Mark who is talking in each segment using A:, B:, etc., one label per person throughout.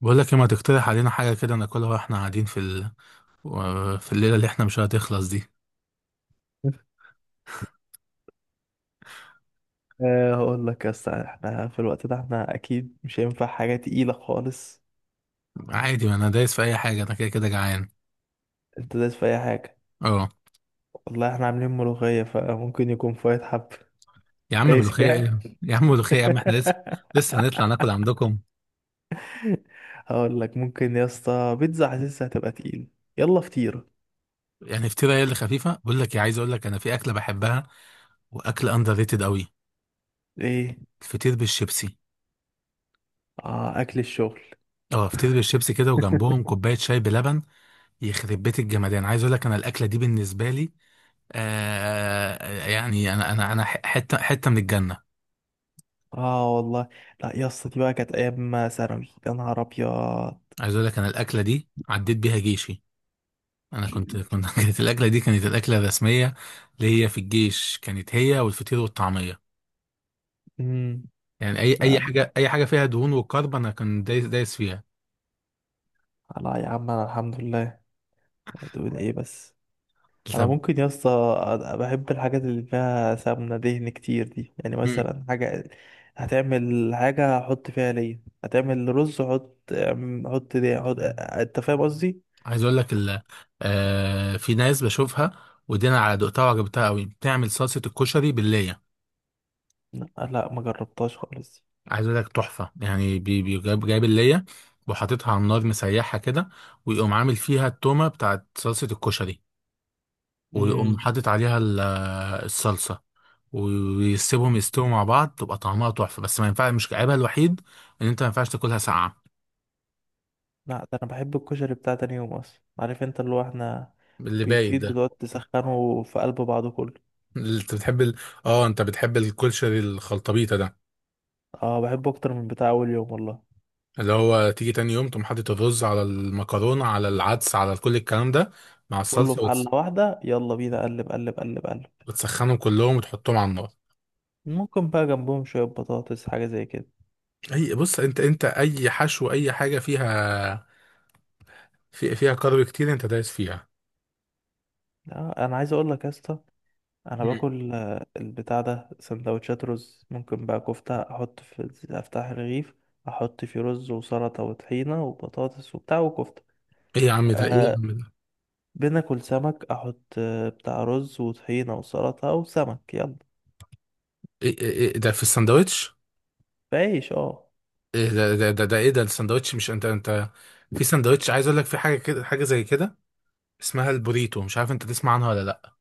A: بقول لك إيه، ما تقترح علينا حاجة كده ناكلها واحنا قاعدين في الليلة اللي احنا مش هتخلص دي.
B: هقول لك يا اسطى، احنا في الوقت ده احنا اكيد مش هينفع حاجه تقيله خالص.
A: عادي، ما انا دايس في اي حاجة، انا كده كده جعان.
B: انت دايس في اي حاجه؟
A: اه،
B: والله احنا عاملين ملوخيه، فممكن يكون فايت حب.
A: يا عم
B: دايس
A: ملوخية
B: فيها.
A: ايه؟ يا عم ملوخية، يا عم احنا لسه هنطلع ناكل عندكم.
B: هقول لك ممكن يا اسطى، بيتزا حاسسها هتبقى تقيل. يلا فطير.
A: يعني فطيرة هي اللي خفيفة. بقول لك إيه، عايز اقول لك انا في اكلة بحبها، واكل اندر ريتد قوي.
B: ايه.
A: الفطير بالشيبسي.
B: اه، اكل الشغل.
A: اه، فطير بالشيبسي كده، وجنبهم كوباية شاي بلبن. يخرب بيت الجمدان، عايز اقول لك انا الاكلة دي بالنسبة لي، آه يعني، انا حتة حتة من الجنة.
B: اه والله. لا يا اسطى، دي بقى كانت ايام ثانوي، يا نهار ابيض.
A: عايز اقول لك انا الاكله دي عديت بيها جيشي. انا كنت كانت الاكله دي، كانت الاكله الرسميه اللي هي في الجيش، كانت هي والفطير والطعميه.
B: امم.
A: يعني اي
B: لا
A: حاجه، اي حاجه فيها دهون وكرب، انا كنت دايس دايس فيها.
B: لا يا عم، انا الحمد لله. تقول ايه بس؟ انا
A: طب.
B: ممكن يا اسطى، بحب الحاجات اللي فيها سمنه دهن كتير دي، يعني
A: مم.
B: مثلا حاجه هتعمل حاجه احط فيها ليا، هتعمل رز احط دي احط. انت فاهم قصدي؟
A: عايز اقول لك آه، في ناس بشوفها ودينا على دقتها وعجبتها قوي، بتعمل صلصه الكشري بالليه.
B: لا لا، ما جربتهاش خالص.
A: عايز اقول لك تحفه يعني، جايب الليه وحاططها على النار، مسيحها كده، ويقوم عامل فيها التومه بتاعت صلصه الكشري، ويقوم
B: امم.
A: حاطط عليها الصلصه، ويسيبهم يستووا مع بعض تبقى طعمها تحفه. بس ما ينفعش، مش عيبها الوحيد ان انت ما ينفعش تاكلها ساقعه.
B: لا، ده انا بحب الكشري بتاع تاني يوم اصلا، عارف انت اللي هو احنا
A: اللي بايت
B: بيفيد،
A: ده.
B: بتقعد تسخنه في قلب بعضه كله.
A: اللي انت بتحب اه، انت بتحب الكشري الخلطبيطه ده،
B: اه، بحبه اكتر من بتاع اول يوم والله.
A: اللي هو تيجي تاني يوم تقوم حاطط الرز على المكرونه على العدس على كل الكلام ده مع
B: كله
A: الصلصه،
B: في حله واحده، يلا بينا قلب قلب قلب قلب.
A: وتسخنهم كلهم وتحطهم على النار.
B: ممكن بقى جنبهم شويه بطاطس، حاجه زي كده.
A: اي بص، انت اي حشو، اي حاجه فيها، فيها كارب كتير، انت دايس فيها.
B: انا عايز اقول لك يا اسطى، انا
A: مم.
B: باكل البتاع ده سندوتشات رز، ممكن بقى كفته احط في، افتح الرغيف، احط فيه رز وسلطه وطحينه وبطاطس وبتاع وكفته.
A: ايه يا عم ده، ايه يا
B: أه.
A: عم ده،
B: بناكل سمك احط بتاع رز وطحينه وسلطه وسمك، يلا.
A: ده في الساندوتش.
B: بعيش، اه.
A: ايه ده، ده ايه ده الساندوتش؟ مش انت في ساندوتش، عايز اقول لك في حاجه كده، حاجه زي كده اسمها البوريتو، مش عارف انت تسمع عنها ولا لا؟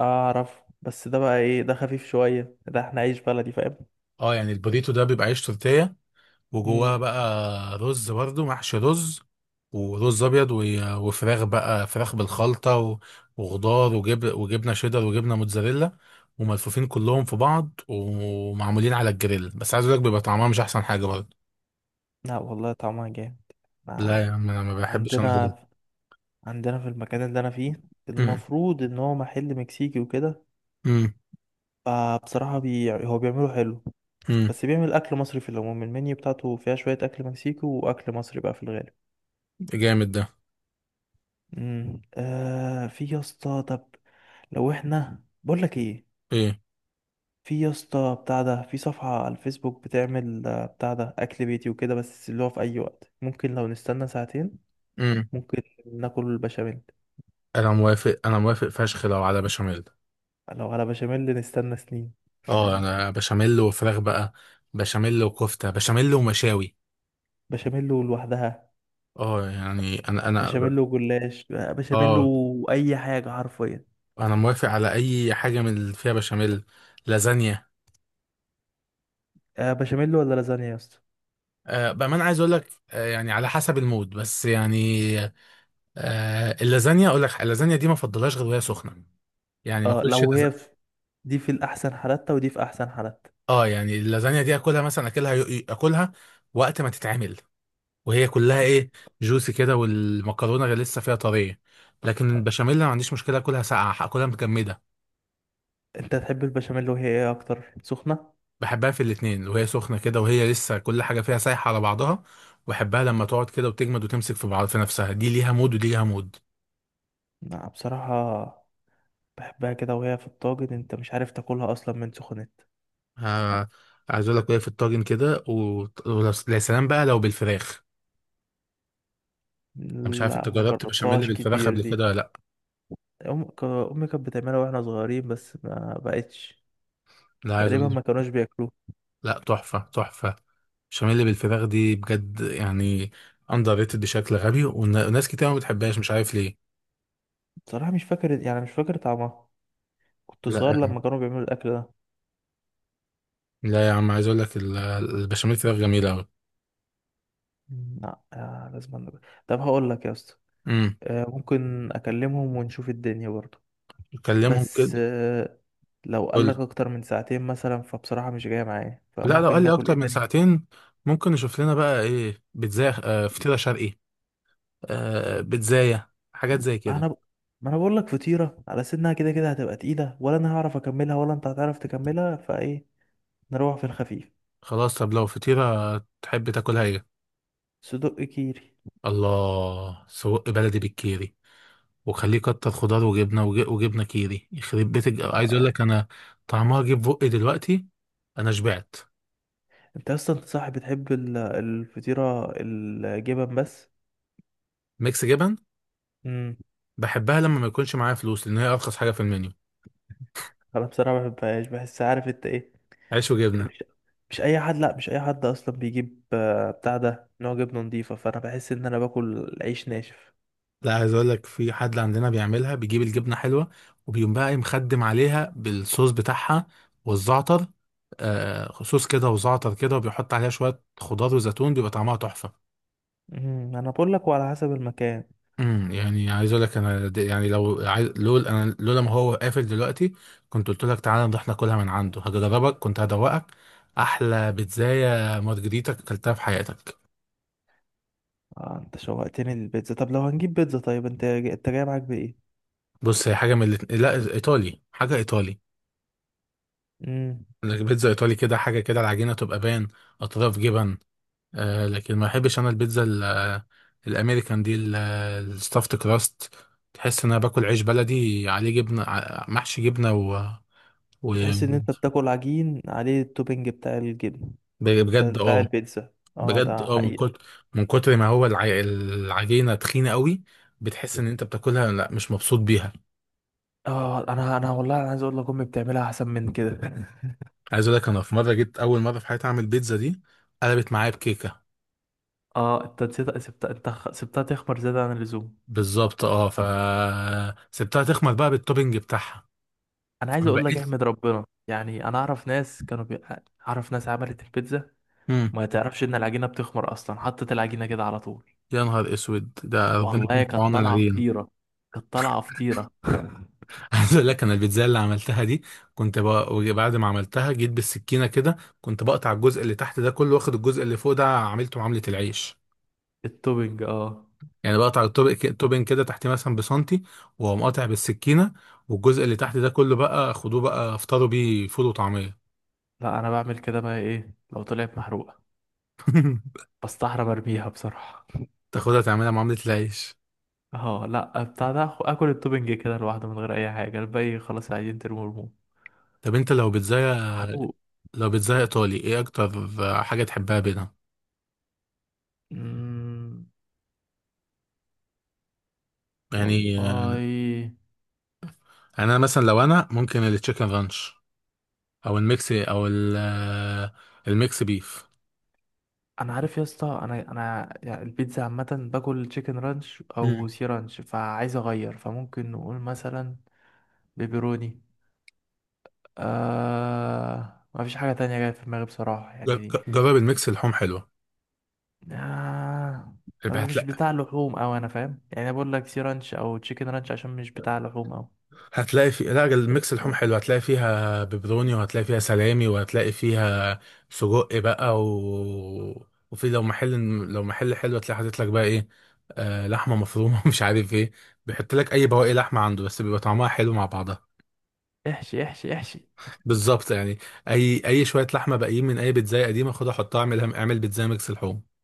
B: اعرف، بس ده بقى ايه ده؟ خفيف شويه ده، احنا عيش بلدي، فاهم؟
A: اه يعني البوريتو ده بيبقى عيش تورتيه، وجواه
B: امم.
A: بقى رز برضه، محشي رز ورز ابيض وفراخ بقى، فراخ بالخلطه وخضار وجبنه شيدر وجبنه موتزاريلا، وملفوفين كلهم في بعض ومعمولين على الجريل. بس عايز اقول لك بيبقى طعمها مش احسن حاجه برضه.
B: لا والله طعمها جامد. ما-
A: لا يا عم، انا ما بحبش انا ده.
B: عندنا عندنا في المكان اللي انا فيه،
A: امم
B: المفروض ان هو محل مكسيكي وكده.
A: امم
B: فبصراحة هو بيعمله حلو.
A: امم
B: بس بيعمل أكل مصري، في العموم المنيو بتاعته فيها شوية أكل مكسيكي وأكل مصري بقى في الغالب.
A: جامد ده.
B: امم. في يا اسطى، طب لو احنا، بقول لك ايه،
A: ايه،
B: في يا اسطى بتاع ده، في صفحة على الفيسبوك بتعمل بتاع ده أكل بيتي وكده، بس اللي هو في أي وقت ممكن لو نستنى ساعتين، ممكن ناكل بشاميل.
A: انا موافق انا موافق فشخ لو على بشاميل.
B: لو على بشاميل نستنى سنين.
A: اه، انا بشاميل وفراخ بقى، بشاميل وكفته، بشاميل ومشاوي.
B: بشاميل لوحدها.
A: اه يعني انا.
B: بشاميل وجلاش، بشاميل
A: اه،
B: وأي حاجة حرفيا.
A: انا موافق على اي حاجه من اللي فيها بشاميل. لازانيا.
B: بشاميل ولا لازانيا يا اسطى؟
A: آه، بامانه عايز اقول لك، يعني على حسب المود بس يعني. آه، اللازانيا اقول لك، اللازانيا دي ما افضلهاش غير وهي سخنه، يعني ما
B: اه،
A: اكلش
B: لو هي في، دي في الأحسن حالاتها ودي في أحسن حالاتها.
A: اه يعني اللازانيا دي اكلها، مثلا اكلها، اكلها وقت ما تتعمل وهي كلها ايه، جوسي كده والمكرونه غير لسه فيها طريه. لكن
B: آه،
A: البشاميل أنا ما عنديش مشكله اكلها ساقعه، اكلها متجمده.
B: أنت تحب البشاميل وهي إيه أكتر، سخنة؟
A: بحبها في الاتنين، وهي سخنه كده وهي لسه كل حاجه فيها سايحه على بعضها، وبحبها لما تقعد كده وتجمد وتمسك في بعض في نفسها، دي ليها مود ودي ليها مود.
B: لا بصراحة، بحبها كده وهي في الطاجن، أنت مش عارف تاكلها أصلا من سخنت.
A: آه، عايز اقول لك وهي في الطاجن كده ويا سلام بقى لو بالفراخ. انا مش عارف انت
B: لا، ما
A: جربت بشاميل
B: جربتهاش
A: بالفراخ
B: كتير
A: قبل
B: دي.
A: كده ولا لا؟
B: أمي كانت بتعملها وإحنا صغيرين، بس ما بقتش
A: لا، عايز
B: تقريبا،
A: اقول،
B: ما كانوش بياكلوه.
A: لا، تحفة تحفة، البشاميل بالفراخ دي بجد يعني، اندر ريتد بشكل غبي، وناس كتير ما بتحبهاش مش عارف ليه.
B: بصراحة مش فاكر، يعني مش فاكر طعمها، كنت صغير
A: لا
B: لما كانوا بيعملوا الأكل ده.
A: لا يا عم، عايز اقول لك البشاميل فراخ جميلة قوي.
B: مم، لا، لازم طب هقول لك يا اسطى،
A: امم.
B: ممكن أكلمهم ونشوف الدنيا برضه.
A: كلمهم
B: بس
A: كده.
B: لو قال
A: قول
B: لك
A: لي.
B: اكتر من ساعتين مثلا، فبصراحة مش جاية معايا،
A: لا، لو
B: فممكن
A: قال لي
B: ناكل ايه
A: اكتر من
B: تاني؟
A: ساعتين، ممكن نشوف لنا بقى ايه، بيتزا، فطيرة شرقي، بيتزاية، حاجات زي كده.
B: انا ب... ما انا بقول لك، فطيرة على سنها كده كده هتبقى تقيلة، ولا انا هعرف اكملها ولا انت هتعرف تكملها، فايه، نروح في الخفيف.
A: خلاص، طب لو فطيرة تحب تاكلها ايه؟
B: صدق كيري.
A: الله، سجق بلدي بالكيري، وخليه كتر خضار وجبنه وجبنه كيري، يخرب بيت عايز اقول
B: آه.
A: لك انا طعمها جه في بقي دلوقتي، انا شبعت.
B: انت اصلا صاحب بتحب الفطيرة الجبن بس.
A: ميكس جبن.
B: امم.
A: بحبها لما ما يكونش معايا فلوس، لان هي ارخص حاجه في المنيو.
B: انا بصراحة ما بحبهاش، بحس، عارف انت ايه،
A: عيش وجبنه.
B: مش مش اي حد، لا مش اي حد اصلا بيجيب بتاع ده نوع جبنة نضيفة، فانا بحس ان انا باكل عيش ناشف.
A: لا، عايز اقول لك في حد عندنا بيعملها، بيجيب الجبنه حلوه، وبيقوم بقى إيه مخدم عليها بالصوص بتاعها والزعتر، آه، صوص كده وزعتر كده، وبيحط عليها شويه خضار وزيتون، بيبقى طعمها تحفه.
B: مم، انا بقول لك، وعلى حسب المكان.
A: يعني عايز اقول لك انا يعني لو عايز، انا لولا ما هو قافل دلوقتي كنت قلت لك تعالى نروح ناكلها من عنده، هجربك كنت هدوقك احلى بيتزاية مارجريتا اكلتها في حياتك.
B: آه، انت شوقتني للبيتزا. طب لو هنجيب بيتزا، طيب انت جاي معاك بايه؟
A: بص، هي حاجه من الاتنين، لا، ايطالي، حاجه ايطالي.
B: امم.
A: البيتزا ايطالي كده حاجه كده، العجينه تبقى بان، اطراف جبن. آه، لكن ما بحبش انا البيتزا الامريكان دي، الستافت كراست، تحس ان انا باكل عيش بلدي عليه جبنه، محشي جبنه
B: بتحس ان
A: و-
B: انت بتاكل عجين عليه التوبينج بتاع الجبن.
A: بجد
B: بتاع
A: اه.
B: البيتزا، اه،
A: بجد
B: ده
A: اه، من
B: حقيقة.
A: كتر من كتر ما هو العجينه تخينه قوي، بتحس ان انت بتاكلها لا مش مبسوط بيها.
B: اه، انا والله انا عايز اقول لك، امي بتعملها احسن من كده.
A: عايز اقول لك انا في مره جيت اول مره في حياتي اعمل بيتزا دي، قلبت معايا بكيكه.
B: اه، انت نسيت، سبتها تخمر زيادة عن اللزوم.
A: بالظبط اه، سبتها تخمر بقى بالتوبينج بتاعها،
B: انا عايز
A: فما
B: اقول لك
A: بقتش.
B: احمد ربنا، يعني انا اعرف ناس كانوا اعرف ناس عملت البيتزا،
A: امم.
B: ما تعرفش ان العجينة بتخمر اصلا، حطت العجينة كده على طول.
A: يا نهار اسود، ده ربنا يكون
B: والله
A: في
B: كانت
A: عون
B: طالعة
A: العجين.
B: فطيرة. كانت طالعة فطيرة.
A: عايز اقول لك انا البيتزا اللي عملتها دي، كنت بعد ما عملتها جيت بالسكينه كده، كنت بقطع الجزء اللي تحت ده كله واخد الجزء اللي فوق ده عملته معامله العيش.
B: التوبنج، اه.
A: يعني بقطع التوبين كده تحت مثلا بسنتي، واقوم قاطع بالسكينه، والجزء اللي تحت ده كله بقى خدوه بقى افطروا بيه فول وطعميه.
B: لا انا بعمل كده، بقى ايه، لو طلعت محروقة بستحرم ارميها بصراحة.
A: تاخدها تعملها معامله العيش.
B: اه، لا، بتاع ده، اكل التوبنج كده لوحده من غير اي حاجة، الباقي خلاص عايزين ترموه ارموه.
A: طب انت لو بيتزايا،
B: محروق.
A: لو بيتزايا ايطالي، ايه اكتر حاجه تحبها بينها؟
B: مم.
A: يعني
B: والله،
A: انا مثلا لو انا ممكن التشيكن رانش، او الميكس، او الميكس بيف.
B: انا عارف يا اسطى انا يعني البيتزا عامة باكل تشيكن رانش او
A: مم.
B: سي رانش، فعايز اغير، فممكن نقول مثلا بيبروني. آه، ما فيش حاجة تانية جاية في دماغي بصراحة يعني دي.
A: جرب الميكس، اللحوم حلوه.
B: آه، أنا مش بتاع لحوم أوي، أنا فاهم يعني، أنا بقول لك سي رانش أو تشيكن رانش عشان مش بتاع لحوم أوي.
A: هتلاقي في، لا، الميكس اللحوم حلو، هتلاقي فيها بيبروني، وهتلاقي فيها سلامي، وهتلاقي فيها سجق بقى وفي لو محل حلو، هتلاقي حاطط لك بقى ايه، آه، لحمه مفرومه مش عارف ايه، بيحط لك اي بواقي لحمه عنده، بس بيبقى طعمها حلو مع بعضها.
B: احشي احشي احشي.
A: بالظبط يعني. اي شويه لحمه باقيين من اي بيتزايه قديمه، خدها حطها، اعمل بيتزايه ميكس لحوم.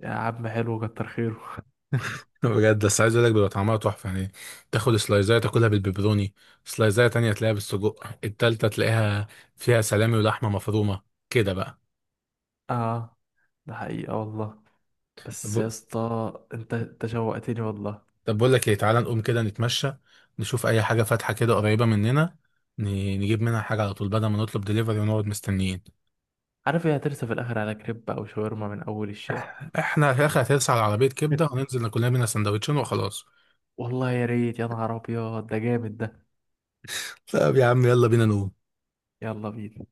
B: يا عم حلو، كتر خيره.
A: بجد، بس عايز اقول لك بيبقى طعمها تحفه يعني، تاخد سلايزايه تاكلها بالبيبروني، سلايزايه تانية تلاقيها بالسجق، التالتة تلاقيها فيها سلامي ولحمه مفرومه، كده بقى.
B: اه ده حقيقة والله. بس يا
A: ب-
B: اسطى انت شوقتني والله.
A: طب بقول لك ايه، تعالى نقوم كده نتمشى، نشوف اي حاجه فاتحه كده قريبه مننا، ن- نجيب منها حاجه على طول بدل ما نطلب دليفري ونقعد مستنيين.
B: عارف ايه، هترسى في الاخر على كريب او شاورما من اول الشارع.
A: احنا في الاخر هترسى على عربيه كبده، وننزل ناكل لنا منها سندوتشين وخلاص.
B: والله يا ريت، يا نهار ابيض، ده جامد ده.
A: طب يا عم يلا بينا نقوم.
B: يلا بينا.